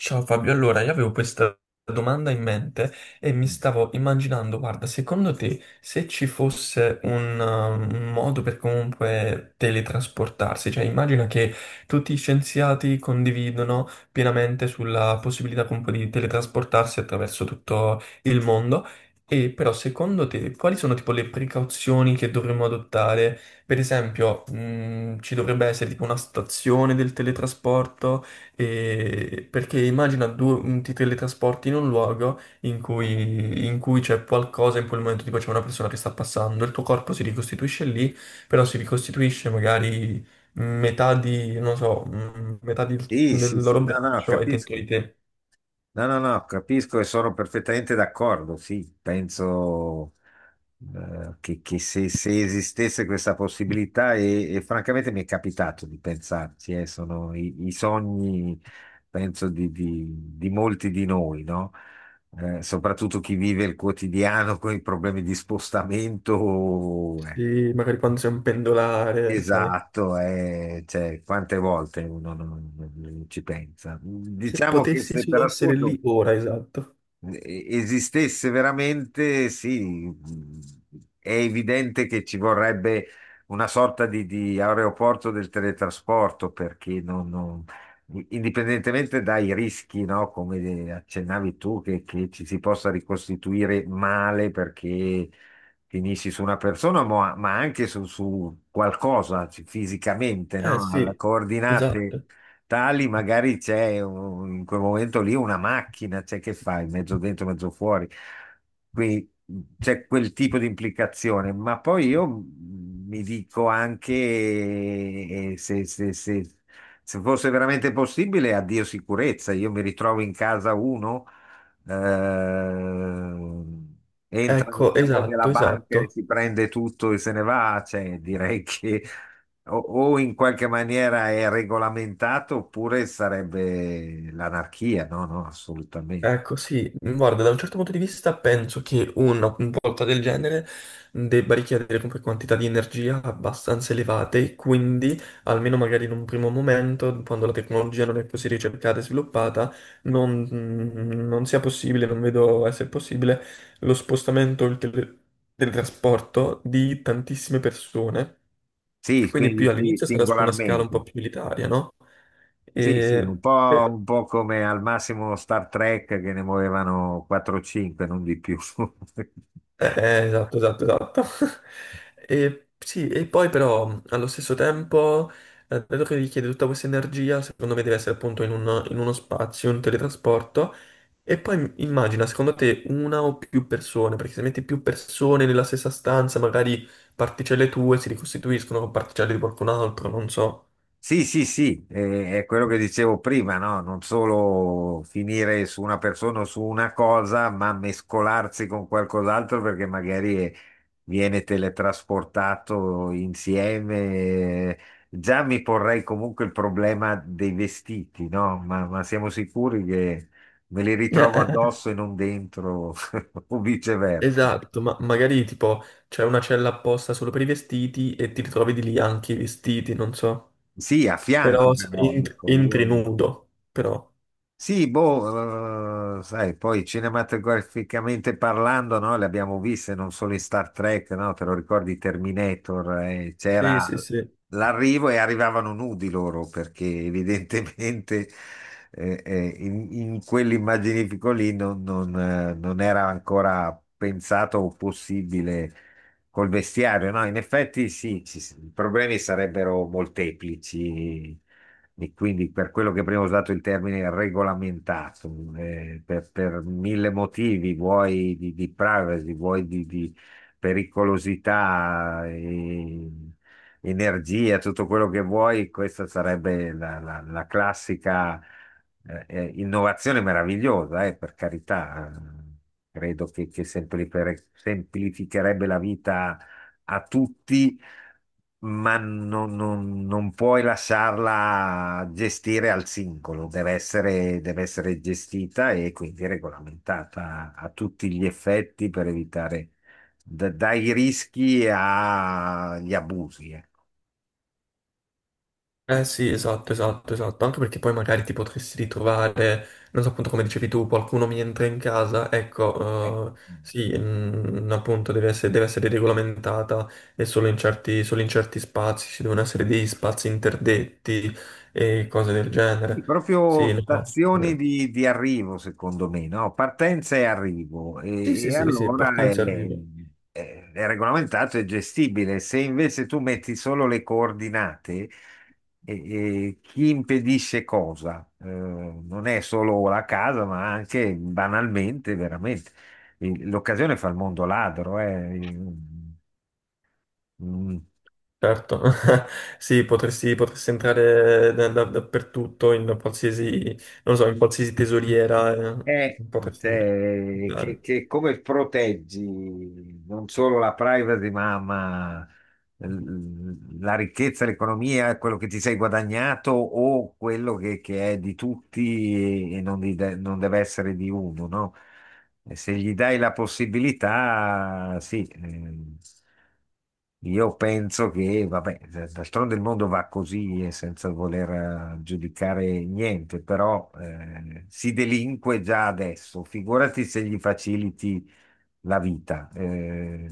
Ciao Fabio, allora io avevo questa domanda in mente e mi stavo immaginando, guarda, secondo te se ci fosse un modo per comunque teletrasportarsi, cioè immagina che tutti gli scienziati condividono pienamente sulla possibilità comunque di teletrasportarsi attraverso tutto il mondo, e però secondo te quali sono tipo le precauzioni che dovremmo adottare? Per esempio, ci dovrebbe essere tipo una stazione del teletrasporto? Perché immagina due, ti teletrasporti in un luogo in cui c'è qualcosa in quel momento, tipo c'è una persona che sta passando, il tuo corpo si ricostituisce lì, però si ricostituisce magari metà di, non so, Sì, sì, del sì, loro no, no, no, braccio è dentro capisco. di te. No, no, no, capisco e sono perfettamente d'accordo. Sì, penso che, che se esistesse questa possibilità, e francamente mi è capitato di pensarci, sono i sogni, penso, di molti di noi, no? Soprattutto chi vive il quotidiano con i problemi di spostamento. Eh, Sì, magari quando sei un pendolare, sai. Esatto, cioè, quante volte uno non ci pensa. Se Diciamo che potessi se per solo essere lì assurdo ora, esatto. Esistesse veramente, sì, è evidente che ci vorrebbe una sorta di aeroporto del teletrasporto. Perché indipendentemente dai rischi, no, come accennavi tu, che ci si possa ricostituire male perché finisci su una persona, ma anche su, su qualcosa fisicamente, Eh no, alla sì, coordinate esatto. tali, magari in quel momento lì una macchina, c'è, che fai, mezzo dentro, mezzo fuori. Quindi c'è quel tipo di implicazione, ma poi io mi dico anche se fosse veramente possibile, addio sicurezza, io mi ritrovo in casa uno, eh, entra nel Ecco, cavo della esatto, banca e esatto. si prende tutto e se ne va, cioè, direi che o in qualche maniera è regolamentato oppure sarebbe l'anarchia. No, no, assolutamente. Ecco, sì, guarda, da un certo punto di vista penso che una volta del genere debba richiedere comunque quantità di energia abbastanza elevate, e quindi, almeno magari in un primo momento, quando la tecnologia non è così ricercata e sviluppata, non sia possibile, non vedo essere possibile, lo spostamento del trasporto di tantissime persone. Sì, Quindi quindi più sì, all'inizio sarà su una scala un singolarmente. po' più elitaria, no? Sì, sì, E per- un po' come al massimo Star Trek che ne muovevano 4-5, non di più. Esatto, esatto, esatto. E, sì, e poi però allo stesso tempo, dato che richiede tutta questa energia, secondo me deve essere appunto in uno spazio, un teletrasporto. E poi immagina, secondo te, una o più persone, perché se metti più persone nella stessa stanza, magari particelle tue si ricostituiscono con particelle di qualcun altro, non so. Sì, sì, sì, è quello che dicevo prima, no? Non solo finire su una persona o su una cosa, ma mescolarsi con qualcos'altro perché magari viene teletrasportato insieme. Eh, Già mi porrei comunque il problema dei vestiti, no? Ma siamo sicuri che me li ritrovo eh. addosso e non dentro o viceversa? Esatto, ma magari tipo c'è una cella apposta solo per i vestiti e ti ritrovi di lì anche i vestiti, non so. Sì, a fianco Però però, ecco, io. entri nudo, però. Sì, boh, sai, poi cinematograficamente parlando, no, le abbiamo viste non solo in Star Trek, no, te lo ricordi Terminator, Sì, c'era sì, sì. l'arrivo e arrivavano nudi loro, perché evidentemente in quell'immaginifico lì non era ancora pensato o possibile col vestiario, no? In effetti sì, i problemi sarebbero molteplici. E quindi per quello che prima ho usato il termine regolamentato, per mille motivi, vuoi di privacy, vuoi di pericolosità, energia, tutto quello che vuoi. Questa sarebbe la classica, innovazione meravigliosa, per carità. Credo che semplificherebbe la vita a tutti, ma non puoi lasciarla gestire al singolo. Deve essere, deve essere gestita e quindi regolamentata a tutti gli effetti per evitare dai rischi agli abusi. Ecco. Eh sì, esatto, esatto, esatto. Anche perché poi magari ti potresti ritrovare, non so appunto come dicevi tu, qualcuno mi entra in casa, Eh, ecco, sì, appunto deve essere regolamentata e solo in certi spazi, ci devono essere degli spazi interdetti e cose del sì, genere. proprio Sì, no, stazioni assolutamente. di arrivo, secondo me, no? Partenza e arrivo. Sì, sì, E sì, sì, allora partenza e arrivo. è regolamentato e gestibile. Se invece tu metti solo le coordinate, e chi impedisce cosa? Non è solo la casa, ma anche banalmente, veramente. L'occasione fa il mondo ladro, eh. Mm. Certo, sì, potresti entrare dappertutto, in qualsiasi, non so, in qualsiasi tesoriera, Eh, potresti cioè, che, entrare. che come proteggi non solo la privacy, ma, la ricchezza, l'economia, quello che ti sei guadagnato o quello che è di tutti e non deve essere di uno, no? E se gli dai la possibilità, sì, io penso che, vabbè, d'altronde il mondo va così e senza voler giudicare niente, però si delinque già adesso, figurati se gli faciliti la vita.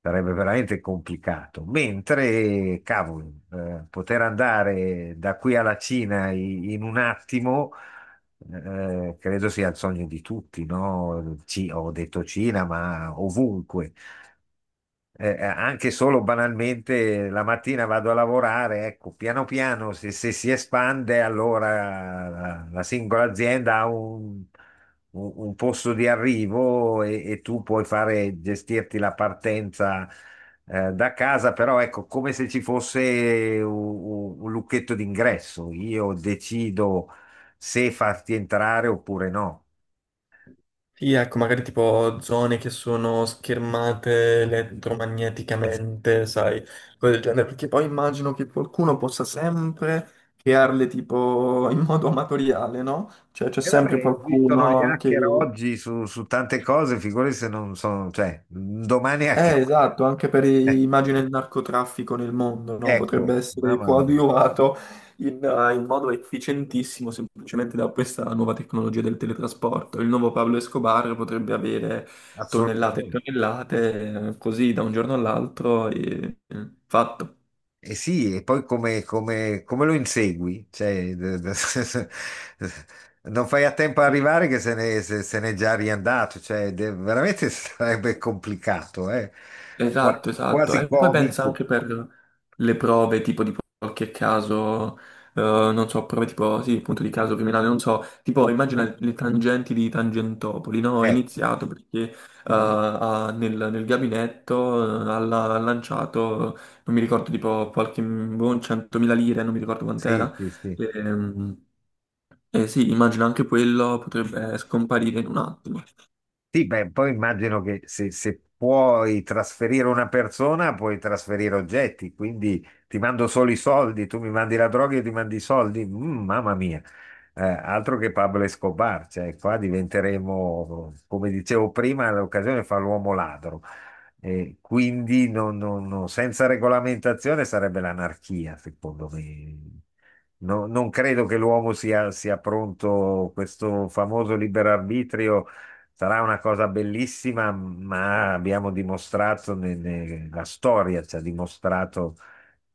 Sarebbe veramente complicato. Mentre, cavolo, poter andare da qui alla Cina in un attimo, credo sia il sogno di tutti, no? Ho detto Cina, ma ovunque. Anche solo banalmente la mattina vado a lavorare, ecco, piano piano se, se si espande, allora la singola azienda ha un, un posto di arrivo e tu puoi fare, gestirti la partenza da casa, però ecco, come se ci fosse un lucchetto d'ingresso, io decido se farti entrare oppure no. Sì, ecco, magari tipo zone che sono schermate elettromagneticamente, sai, cose del genere, perché poi immagino che qualcuno possa sempre crearle tipo in modo amatoriale, no? Cioè c'è E vabbè, sempre esistono gli qualcuno hacker che oggi su, su tante cose, figurati se non sono, cioè, un domani hacker. eh, esatto, anche Eh, immagine il narcotraffico nel mondo, no? Potrebbe ecco, essere mamma mia, coadiuvato in modo efficientissimo semplicemente da questa nuova tecnologia del teletrasporto. Il nuovo Pablo Escobar potrebbe avere tonnellate e assolutamente. tonnellate, così da un giorno all'altro, e fatto. E sì, e poi come, come lo insegui? Cioè, non fai a tempo a arrivare che se ne, se- se n'è già riandato, cioè, veramente sarebbe complicato, eh. Qua- Esatto, esatto. quasi E poi pensa comico. anche per le prove, tipo di qualche caso, non so, prove tipo, sì, appunto di caso criminale, non so, tipo immagina le tangenti di Tangentopoli, no? Ho Eh, iniziato perché nel gabinetto ha lanciato, non mi ricordo, tipo qualche buon 100.000 lire, non mi ricordo sì, quant'era. sì, sì. E, e sì, immagino anche quello potrebbe scomparire in un attimo. Sì, beh, poi immagino che se, se puoi trasferire una persona, puoi trasferire oggetti, quindi ti mando solo i soldi, tu mi mandi la droga, io ti mandi i soldi. Mm, mamma mia. Altro che Pablo Escobar, cioè qua diventeremo, come dicevo prima, l'occasione fa l'uomo ladro. Quindi senza regolamentazione sarebbe l'anarchia, secondo me. Non credo che l'uomo sia pronto. Questo famoso libero arbitrio sarà una cosa bellissima, ma abbiamo dimostrato, la storia ci ha dimostrato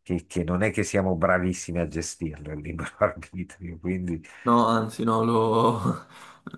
che non è che siamo bravissimi a gestirlo il libero arbitrio, quindi No, anzi, no, lo,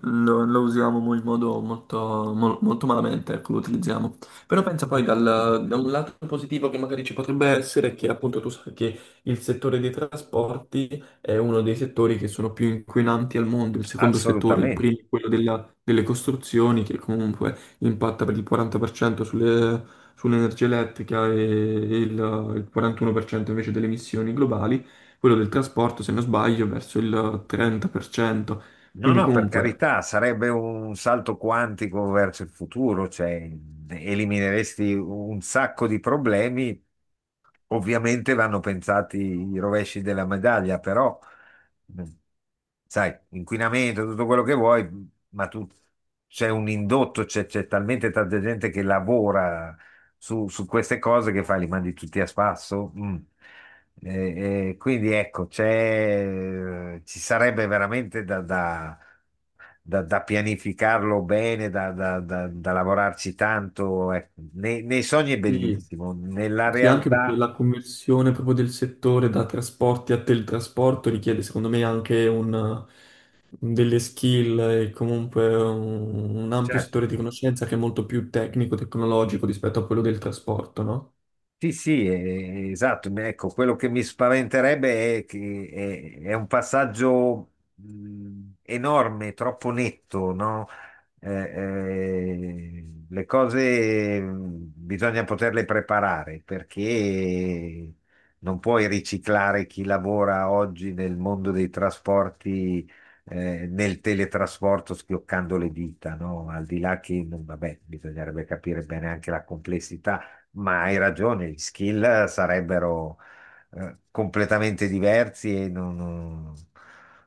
lo- lo usiamo in modo molto, molto malamente, ecco, lo utilizziamo. Però pensa poi da un lato positivo che magari ci potrebbe essere è che appunto tu sai che il settore dei trasporti è uno dei settori che sono più inquinanti al mondo, il secondo settore, il assolutamente. primo, è quello delle costruzioni, che comunque impatta per il 40% sull'energia elettrica e il 41% invece delle emissioni globali quello del trasporto, se non sbaglio, verso il 30%. No, Quindi no, per comunque, carità, sarebbe un salto quantico verso il futuro, cioè elimineresti un sacco di problemi. Ovviamente vanno pensati i rovesci della medaglia, però, mh, sai, inquinamento, tutto quello che vuoi, ma tu c'è un indotto, c'è talmente tanta gente che lavora su, su queste cose, che fai, li mandi tutti a spasso. Mm. Quindi ecco, c'è, ci sarebbe veramente da, da pianificarlo bene, da, da lavorarci tanto. Ecco. Nei, nei sogni è sì, bellissimo, nella sì, anche perché realtà, la conversione proprio del settore da trasporti a teletrasporto richiede, secondo me, anche un, delle skill e comunque un ampio certo, settore di certo. conoscenza che è molto più tecnico, tecnologico rispetto a quello del trasporto, no? Sì, sì, esatto. Ecco, quello che mi spaventerebbe è che è un passaggio enorme, troppo netto, no? Le cose bisogna poterle preparare, perché non puoi riciclare chi lavora oggi nel mondo dei trasporti, nel teletrasporto schioccando le dita, no? Al di là che, vabbè, bisognerebbe capire bene anche la complessità, ma hai ragione, gli skill sarebbero completamente diversi e non... non-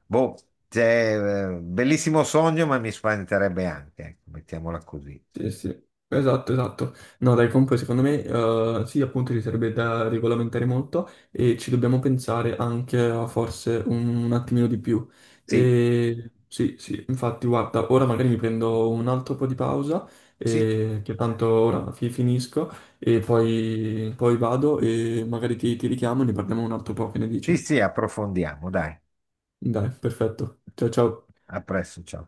Boh, c'è bellissimo sogno, ma mi spaventerebbe anche, ecco, mettiamola così. Sì, sì, esatto, esatto. No, dai, comunque secondo me sì, appunto ci sarebbe da regolamentare molto e ci dobbiamo pensare anche a forse un attimino di più. Sì, E, sì, sì, infatti, guarda, ora magari mi prendo un altro po' di pausa, sì. Che tanto ora finisco e poi, poi vado e magari ti richiamo e ne parliamo un altro po', che ne Sì, dici? sì, approfondiamo, dai. Dai, perfetto. Ciao, ciao. A presto, ciao.